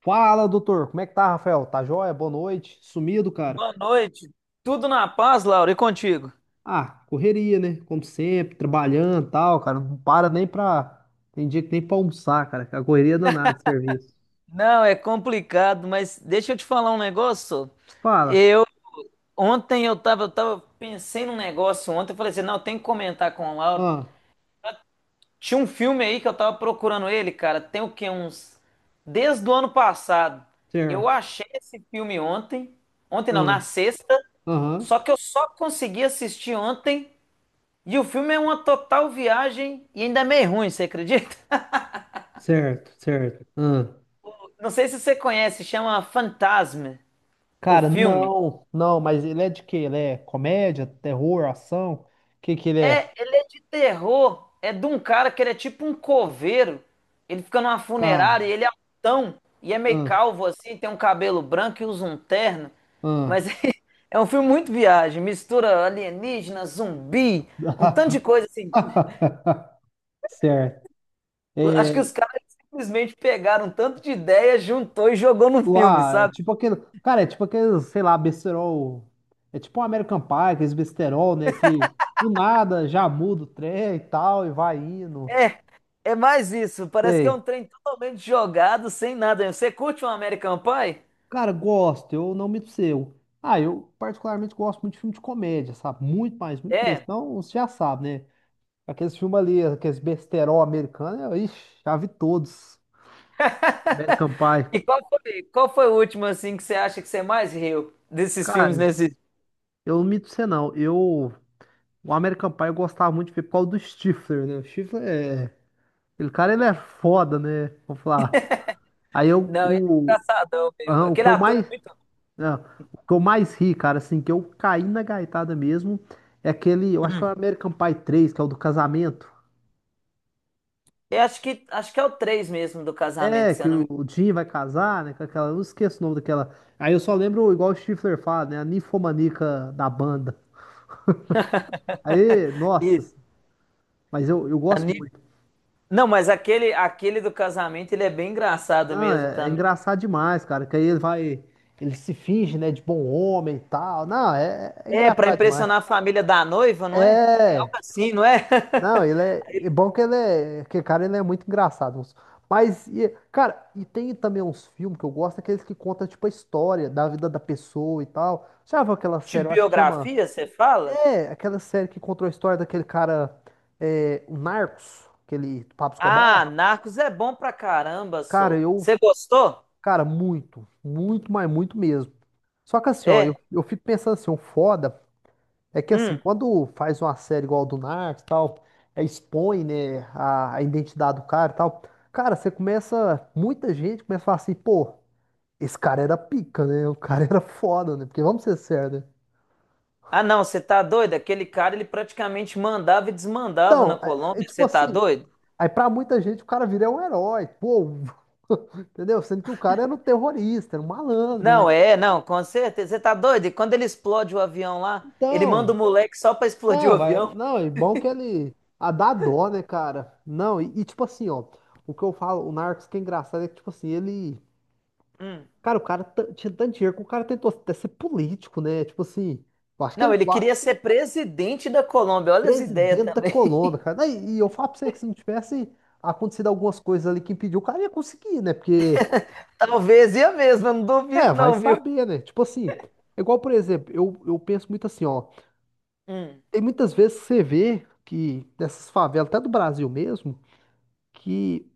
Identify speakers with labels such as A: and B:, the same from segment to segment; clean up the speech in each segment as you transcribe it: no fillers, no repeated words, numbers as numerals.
A: Fala, doutor. Como é que tá, Rafael? Tá joia? Boa noite. Sumido, cara?
B: Boa noite. Tudo na paz, Laura, e contigo?
A: Ah, correria, né? Como sempre, trabalhando e tal, cara. Não para nem pra. Tem dia que nem pra almoçar, cara. Que A correria é danada de serviço.
B: Não, é complicado, mas deixa eu te falar um negócio.
A: Fala.
B: Eu ontem eu tava pensei num negócio ontem, eu falei assim, não, tem que comentar com o Laura.
A: Ah,
B: Tinha um filme aí que eu tava procurando ele, cara, tem o quê? Uns desde o ano passado. Eu
A: certo.
B: achei esse filme ontem, ontem não,
A: Ah,
B: na sexta,
A: aham.
B: só que eu só consegui assistir ontem, e o filme é uma total viagem e ainda é meio ruim, você acredita?
A: Certo, certo. Ah.
B: Não sei se você conhece, chama Fantasma, o
A: Cara,
B: filme.
A: não, mas ele é de quê? Ele é comédia, terror, ação? O que que ele
B: É,
A: é?
B: é de terror, é de um cara que ele é tipo um coveiro. Ele fica numa
A: Cara,
B: funerária, e ele é altão e é meio
A: ah,
B: calvo assim, tem um cabelo branco e usa um terno.
A: ah.
B: Mas é um filme muito viagem, mistura alienígena, zumbi, um tanto de coisa assim.
A: Certo.
B: Acho que os caras simplesmente pegaram um tanto de ideia, juntou e jogou num filme,
A: Lá, é
B: sabe?
A: tipo aquele. Cara, é tipo aquele, sei lá, besterol. É tipo um American Pie, aqueles besterol, né? Que do nada já muda o trem e tal, e vai indo.
B: É, é mais isso. Parece que é um
A: Sei.
B: trem totalmente jogado, sem nada. Você curte um American Pie?
A: Cara, gosto, eu não me seu. Ah, eu particularmente gosto muito de filme de comédia, sabe? Muito mais, muito mesmo.
B: É.
A: Então, você já sabe, né? Aqueles filmes ali, aqueles besterol americanos, eu, ixi, já vi todos. American Pie.
B: E qual foi o último assim que você acha que você é mais riu desses filmes
A: Cara,
B: nesse?
A: eu não mito você não. Eu. O American Pie eu gostava muito de ver por causa do Stifler, né? O Stifler é. Aquele cara, ele é foda, né? Vou falar. Aí eu,
B: Não, ele é
A: o,
B: engraçadão mesmo.
A: ah,
B: Aquele ator é muito
A: ah, o que eu mais ri, cara, assim, que eu caí na gaitada mesmo, é aquele, eu
B: bom.
A: acho que é o
B: Hum.
A: American Pie 3 que é o do casamento.
B: Eu acho que é o 3 mesmo do casamento,
A: É,
B: se
A: que
B: eu não
A: o
B: me
A: o Jim vai casar, né? Com aquela, eu não esqueço o nome daquela. Aí eu só lembro, igual o Stifler fala, né? A ninfomaníaca da banda.
B: engano.
A: Aí, nossa,
B: Isso.
A: mas eu
B: A
A: gosto
B: Ni-
A: muito.
B: Não, mas aquele do casamento, ele é bem engraçado
A: Não,
B: mesmo
A: é, é
B: também.
A: engraçado demais, cara, que aí ele vai, ele se finge, né, de bom homem e tal. Não, é, é
B: É, pra
A: engraçado demais.
B: impressionar a família da noiva, não é? É
A: É,
B: algo
A: tipo,
B: assim, não é?
A: não, ele é, é bom que ele é, que cara, ele é muito engraçado. Mas, e, cara, e tem também uns filmes que eu gosto, aqueles que contam, tipo, a história da vida da pessoa e tal. Já viu aquela
B: De
A: série, eu acho que chama,
B: biografia, você fala?
A: é, aquela série que contou a história daquele cara, é, o Narcos, aquele do Pablo Escobar.
B: Ah, Narcos é bom pra caramba,
A: Cara,
B: só.
A: eu,
B: Você gostou?
A: cara, muito, muito mesmo. Só que assim, ó, eu,
B: É?
A: eu fico pensando assim, o foda é que assim,
B: Hum.
A: quando faz uma série igual a do Narcos, e tal, é, expõe, né, a identidade do cara, e tal. Cara, você começa, muita gente começa a falar assim, pô, esse cara era pica, né? O cara era foda, né? Porque vamos ser sérios, né?
B: Ah, não, você tá doido? Aquele cara, ele praticamente mandava e desmandava na
A: Então, é, é
B: Colômbia.
A: tipo
B: Você tá
A: assim,
B: doido?
A: aí pra muita gente o cara vira um herói, pô, entendeu? Sendo que o cara era um terrorista, era um malandro, né?
B: Não, é, não, com certeza. Você tá doido? E quando ele explode o avião lá, ele manda o
A: Então,
B: moleque só pra explodir o
A: não, vai.
B: avião?
A: Não, e bom que ele. A dá dó, né, cara? Não, e tipo assim, ó. O que eu falo, o Narcos que é engraçado é que, tipo assim, ele.
B: Hum.
A: Cara, tinha tanto dinheiro que o cara tentou até ser político, né? Tipo assim, eu acho que
B: Não,
A: ele.
B: ele
A: Lá,
B: queria ser presidente da Colômbia. Olha as ideias
A: Presidente da
B: também.
A: Colômbia, cara. Não, e eu falo pra você que se não tivesse acontecido algumas coisas ali que impediu, o cara ia conseguir, né? Porque.
B: Talvez ia mesmo, eu não
A: É,
B: duvido
A: vai
B: não, viu?
A: saber, né? Tipo assim. É igual, por exemplo, eu penso muito assim, ó.
B: Hum.
A: Tem muitas vezes que você vê que nessas favelas, até do Brasil mesmo. Que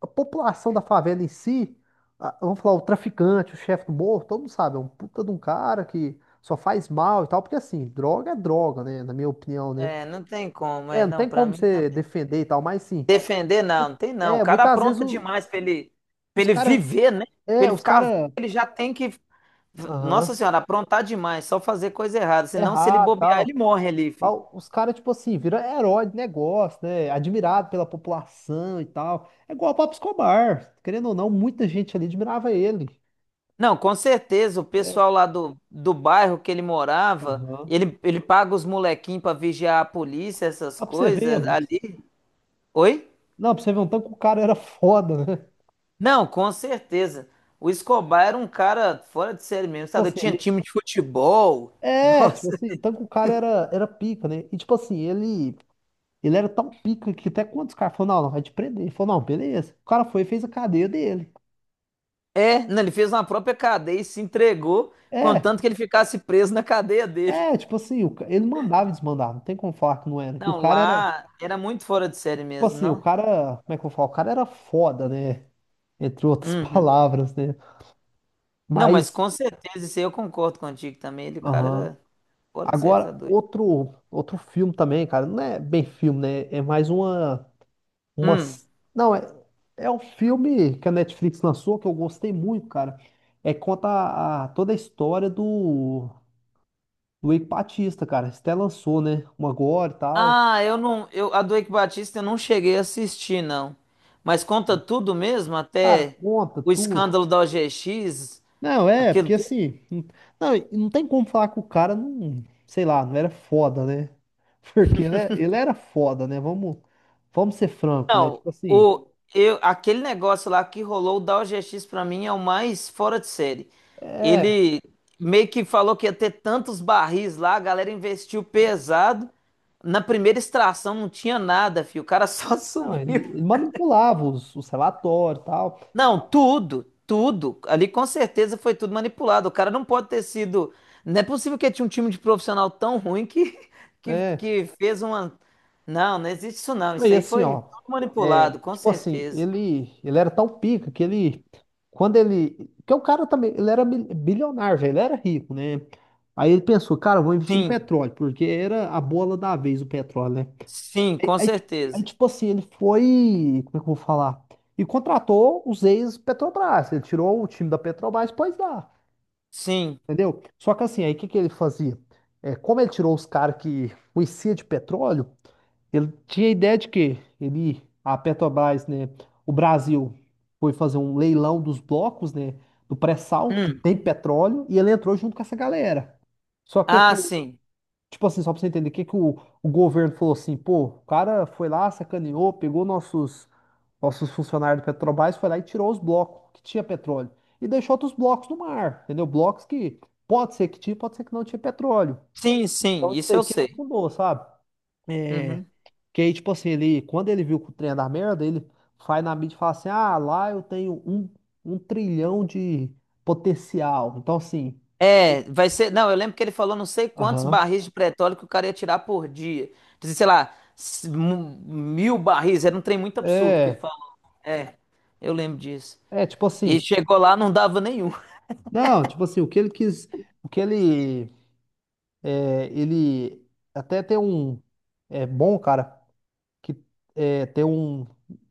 A: a população da favela em si, a- vamos falar, o traficante, o chefe do morro, todo mundo sabe, é um puta de um cara que só faz mal e tal, porque assim, droga é droga, né? Na minha opinião, né?
B: É, não tem como.
A: É,
B: É,
A: não tem
B: não, pra
A: como
B: mim
A: você
B: também.
A: defender e tal, mas sim.
B: Defender, não, não tem não. O
A: É,
B: cara
A: muitas vezes
B: apronta demais pra
A: os
B: ele
A: caras.
B: viver, né? Pra
A: É,
B: ele
A: os
B: ficar vivo,
A: caras.
B: ele já tem que. Nossa
A: Aham.
B: Senhora, aprontar demais, só fazer coisa errada. Senão, se ele
A: Errado e
B: bobear,
A: tal.
B: ele morre ali,
A: Mas
B: fi.
A: os caras, tipo assim, viram herói de negócio, né? Admirado pela população e tal. É igual o Pablo Escobar. Querendo ou não, muita gente ali admirava ele.
B: Não, com certeza, o
A: É.
B: pessoal lá do bairro que ele morava,
A: Aham.
B: ele paga os molequinhos pra vigiar a polícia, essas
A: Ah, pra você ver,
B: coisas
A: mano.
B: ali. Oi?
A: Não, pra você ver, um tanque o cara era foda, né?
B: Não, com certeza. O Escobar era um cara fora de série mesmo,
A: Tipo
B: sabe?
A: assim,
B: Tinha
A: ele.
B: time de futebol.
A: É, tipo
B: Nossa.
A: assim, o tanco o cara era, era pica, né? E tipo assim, ele. Ele era tão pica que até quando os caras falaram, não, vai te prender. Ele falou, não, beleza. O cara foi e fez a cadeia dele.
B: É, não, ele fez uma própria cadeia e se entregou,
A: É,
B: contanto que ele ficasse preso na cadeia dele.
A: é, tipo assim, ele mandava e desmandava, não tem como falar que não era. Que o
B: Não,
A: cara era.
B: lá era muito fora de série
A: Tipo
B: mesmo,
A: assim, o
B: não?
A: cara. Como é que eu falo? O cara era foda, né? Entre outras
B: Uhum.
A: palavras, né?
B: Não, mas
A: Mas.
B: com certeza, isso aí eu concordo contigo também. Ele, o cara
A: Aham.
B: era fora de série, tá
A: Agora,
B: doido.
A: outro filme também, cara. Não é bem filme, né? É mais uma. Uma...
B: Hum.
A: Não, é, é um filme que a Netflix lançou que eu gostei muito, cara. É conta a, toda a história do, do Eike Batista, cara. Você até lançou, né? Uma agora e tal.
B: Ah, eu não. Eu, a do Eike Batista eu não cheguei a assistir, não. Mas conta tudo mesmo,
A: Cara,
B: até
A: conta
B: o
A: tudo.
B: escândalo da OGX,
A: Não, é,
B: aquilo.
A: porque assim. Não, não, e não tem como falar que o cara não. Sei lá, não era foda, né? Porque ele, ele era foda, né? Vamos ser franco, né?
B: Não,
A: Tipo assim.
B: o, eu, aquele negócio lá que rolou, o Dow DaoGX pra mim é o mais fora de série.
A: É.
B: Ele meio que falou que ia ter tantos barris lá, a galera investiu pesado. Na primeira extração não tinha nada, filho. O cara só
A: Não,
B: sumiu.
A: ele manipulava os relatórios e tal,
B: Não, tudo, tudo. Ali com certeza foi tudo manipulado. O cara não pode ter sido. Não é possível que tinha um time de profissional tão ruim que,
A: né?
B: que fez uma. Não, não existe isso não.
A: Não,
B: Isso
A: e
B: aí
A: assim,
B: foi
A: ó,
B: tudo
A: é,
B: manipulado, com
A: tipo assim,
B: certeza.
A: ele era tão pica que ele, quando ele, que o cara também, ele era bilionário, velho, ele era rico, né? Aí ele pensou, cara, eu vou investir no
B: Sim.
A: petróleo, porque era a bola da vez o petróleo, né?
B: Sim,
A: Aí,
B: com certeza.
A: tipo assim, ele foi, como é que eu vou falar? E contratou os ex-Petrobras, ele tirou o time da Petrobras, pois dá,
B: Sim.
A: entendeu? Só que assim, aí o que que ele fazia? É, como ele tirou os caras que conhecia de petróleo, ele tinha a ideia de que ele, a Petrobras, né, o Brasil foi fazer um leilão dos blocos, né, do pré-sal, que
B: Hum.
A: tem petróleo, e ele entrou junto com essa galera. Só que,
B: Ah, sim.
A: tipo assim, só pra você entender, o que que o governo falou assim, pô, o cara foi lá, sacaneou, pegou nossos, nossos funcionários do Petrobras, foi lá e tirou os blocos que tinha petróleo. E deixou outros blocos no mar, entendeu? Blocos que pode ser que tinha, pode ser que não tinha petróleo.
B: Sim, sim,
A: Então isso
B: isso
A: aí
B: eu
A: que ele
B: sei.
A: afundou, sabe? É,
B: Uhum.
A: que aí, tipo assim, ele, quando ele viu que o trem ia dar merda, ele vai na mídia e fala assim: ah, lá eu tenho um, um trilhão de potencial. Então, assim,
B: É, vai ser. Não, eu lembro que ele falou não sei quantos
A: aham.
B: barris de petróleo que o cara ia tirar por dia. Dizia, sei lá, s- mu- mil barris. Era um trem muito absurdo que ele
A: É,
B: falou. É, eu lembro disso.
A: é, tipo
B: E
A: assim,
B: chegou lá, não dava nenhum.
A: não, tipo assim, o que ele quis, o que ele, é, ele até tem um, é bom, cara, que é, tem um,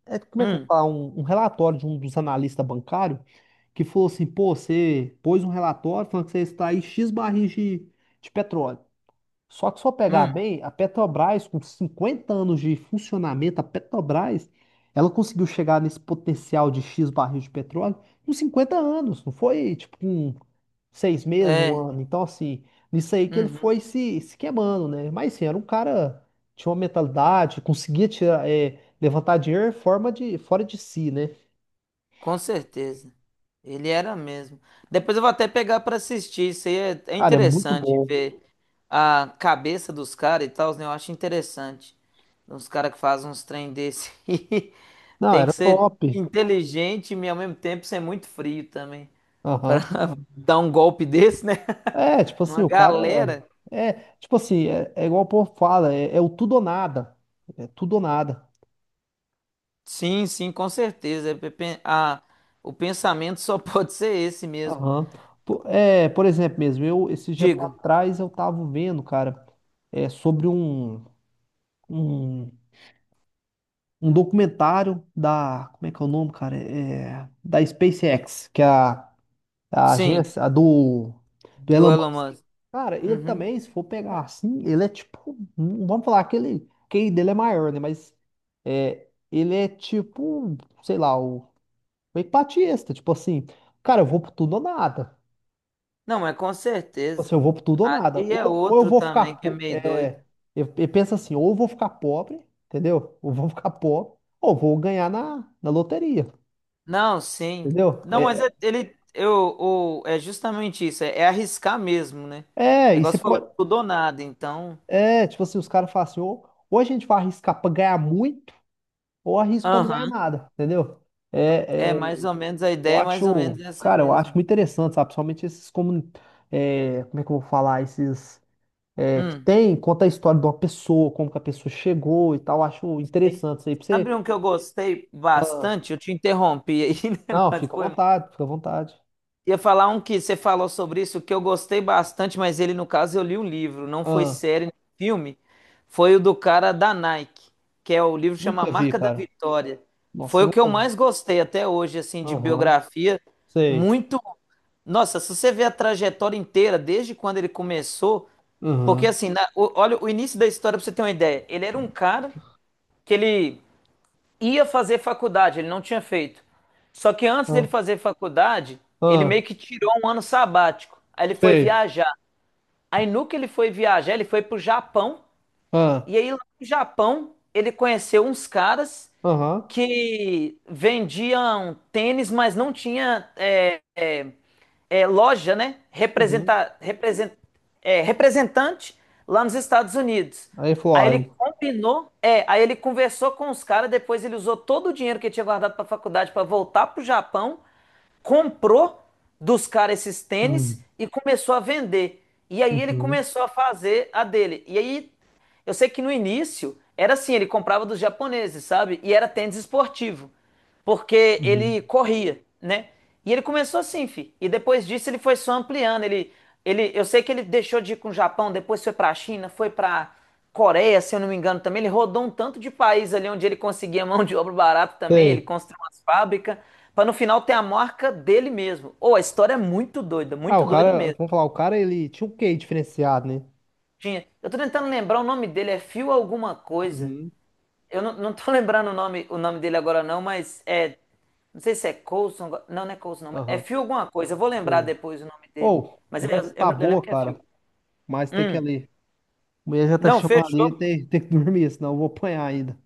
A: é, como é que eu vou
B: Hum,
A: falar, um relatório de um dos analistas bancários que falou assim, pô, você pôs um relatório falando que você está aí X barris de petróleo. Só que se eu pegar
B: hum,
A: bem, a Petrobras, com 50 anos de funcionamento, a Petrobras, ela conseguiu chegar nesse potencial de X barril de petróleo com 50 anos, não foi tipo com 6 meses, um
B: é.
A: ano. Então, assim, nisso aí que ele
B: Uhum.
A: foi se, se queimando, né? Mas, assim, era um cara, tinha uma mentalidade, conseguia tirar, é, levantar dinheiro em forma de, fora de si, né?
B: Com certeza. Ele era mesmo. Depois eu vou até pegar para assistir. Isso aí é, é
A: Cara, é muito
B: interessante
A: bom.
B: ver a cabeça dos caras e tal, né? Eu acho interessante. Uns caras que fazem uns trem desse. aí.
A: Não,
B: Tem
A: era
B: que ser
A: top.
B: inteligente e ao mesmo tempo ser muito frio também. Para
A: Aham.
B: dar um golpe desse, né?
A: É, tipo assim,
B: Numa
A: o cara.
B: galera.
A: É, tipo assim, é, é igual o povo fala, é, é o tudo ou nada. É tudo ou nada.
B: Sim, sim, com certeza. É pe- pe- a- o pensamento só pode ser esse mesmo.
A: Aham. É, por exemplo mesmo, eu, esse dia pra
B: Diga.
A: trás, eu tava vendo, cara, é, sobre um, um, um documentário da. Como é que é o nome, cara? É, da SpaceX, que é a
B: Sim,
A: agência a do, do
B: do
A: Elon
B: Elon
A: Musk.
B: Musk.
A: Cara, ele
B: Uhum.
A: também, se for pegar assim, ele é tipo. Hum, vamos falar que ele. Que ele dele é maior, né? Mas é, ele é tipo, sei lá, o Epatiesta. Tipo assim, cara, eu vou pro tudo ou nada.
B: Não, mas com
A: Tipo
B: certeza.
A: assim, eu vou pro tudo ou nada.
B: Ali é
A: Ou eu
B: outro
A: vou ficar.
B: também que é meio doido.
A: É, eu penso assim, ou eu vou ficar pobre, entendeu? Ou vou ficar pobre, ou vou ganhar na, na loteria,
B: Não, sim.
A: entendeu?
B: Não, mas é-
A: É,
B: ele, eu, o, é justamente isso, é, é arriscar mesmo, né?
A: é,
B: É
A: e
B: igual
A: você
B: você falou,
A: pode.
B: tudo ou nada, então.
A: É, tipo assim, os caras falam assim, ou a gente vai arriscar pra ganhar muito. Ou arrisco pra não ganhar
B: Aham.
A: nada, entendeu?
B: É
A: É, é,
B: mais ou menos a
A: eu
B: ideia, é mais ou
A: acho,
B: menos essa
A: cara, eu acho
B: mesmo.
A: muito interessante, sabe? Principalmente esses como é que eu vou falar? Esses é, que
B: Hum,
A: tem, conta a história de uma pessoa, como que a pessoa chegou e tal. Eu acho
B: sim.
A: interessante isso aí pra
B: Sabe
A: você.
B: um que eu gostei
A: Ah,
B: bastante? Eu te interrompi aí, né?
A: não,
B: Mas
A: fica à
B: foi.
A: vontade, fica à vontade.
B: Ia falar um que você falou sobre isso, que eu gostei bastante, mas ele, no caso, eu li um livro, não foi
A: Ah,
B: série nem filme. Foi o do cara da Nike, que é o livro que chama A
A: nunca vi,
B: Marca da
A: cara.
B: Vitória. Foi
A: Nossa, eu
B: o que eu
A: nunca vi.
B: mais gostei até hoje, assim, de
A: Aham,
B: biografia.
A: sei.
B: Muito. Nossa, se você vê a trajetória inteira, desde quando ele começou, porque
A: Aham,
B: assim, na- o- olha o início da história pra você ter uma ideia. Ele era um cara que ele ia fazer faculdade, ele não tinha feito. Só que antes dele
A: ah,
B: fazer faculdade, ele
A: ah,
B: meio que tirou um ano sabático. Aí ele foi
A: sei.
B: viajar. Aí no que ele foi viajar, ele foi pro Japão.
A: Ah,
B: E aí lá no Japão, ele conheceu uns caras
A: aham,
B: que vendiam tênis, mas não tinha é, é, é, loja, né?
A: uhum.
B: Representa, represent, é, representante lá nos Estados Unidos.
A: Aí ele falou,
B: Aí
A: ah,
B: ele
A: eu.
B: combinou, é, aí ele conversou com os caras, depois ele usou todo o dinheiro que ele tinha guardado para a faculdade para voltar pro Japão, comprou dos caras esses tênis
A: Hum,
B: e começou a vender. E aí ele
A: uhum,
B: começou a fazer a dele. E aí eu sei que no início era assim, ele comprava dos japoneses, sabe? E era tênis esportivo, porque
A: uhum.
B: ele corria, né? E ele começou assim, fi. E depois disso ele foi só ampliando. Eu sei que ele deixou de ir com o Japão, depois foi pra China, foi pra Coreia, se eu não me engano também. Ele rodou um tanto de país ali onde ele conseguia mão de obra barata também. Ele
A: Sei.
B: construiu umas fábricas. Pra no final ter a marca dele mesmo. Ou a história é
A: Ah,
B: muito
A: o
B: doida
A: cara,
B: mesmo.
A: vamos falar, o cara ele tinha um quê diferenciado, né?
B: Tinha. Eu tô tentando lembrar o nome dele, é Fio alguma coisa.
A: Uhum.
B: Eu não tô lembrando o nome dele agora, não, mas é. Não sei se é Coulson. Não, não é Coulson, não. É
A: Aham.
B: Phil alguma coisa. Eu vou lembrar
A: Sei.
B: depois o nome dele.
A: Ou,
B: Mas eu,
A: conversa
B: eu-
A: tá
B: eu lembro
A: boa,
B: que é
A: cara,
B: Phil.
A: mas tem que ir
B: Hum.
A: ali. A mulher já tá
B: Não,
A: chamando
B: fechou.
A: ali, tem, tem que dormir, senão eu vou apanhar ainda.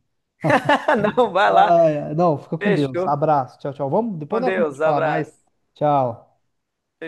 B: Não, vai lá.
A: Ai, ai, não, fica com Deus.
B: Fechou.
A: Abraço, tchau, tchau. Vamos,
B: Com
A: depois nós combinamos
B: Deus.
A: de falar mais.
B: Abraço.
A: Tchau.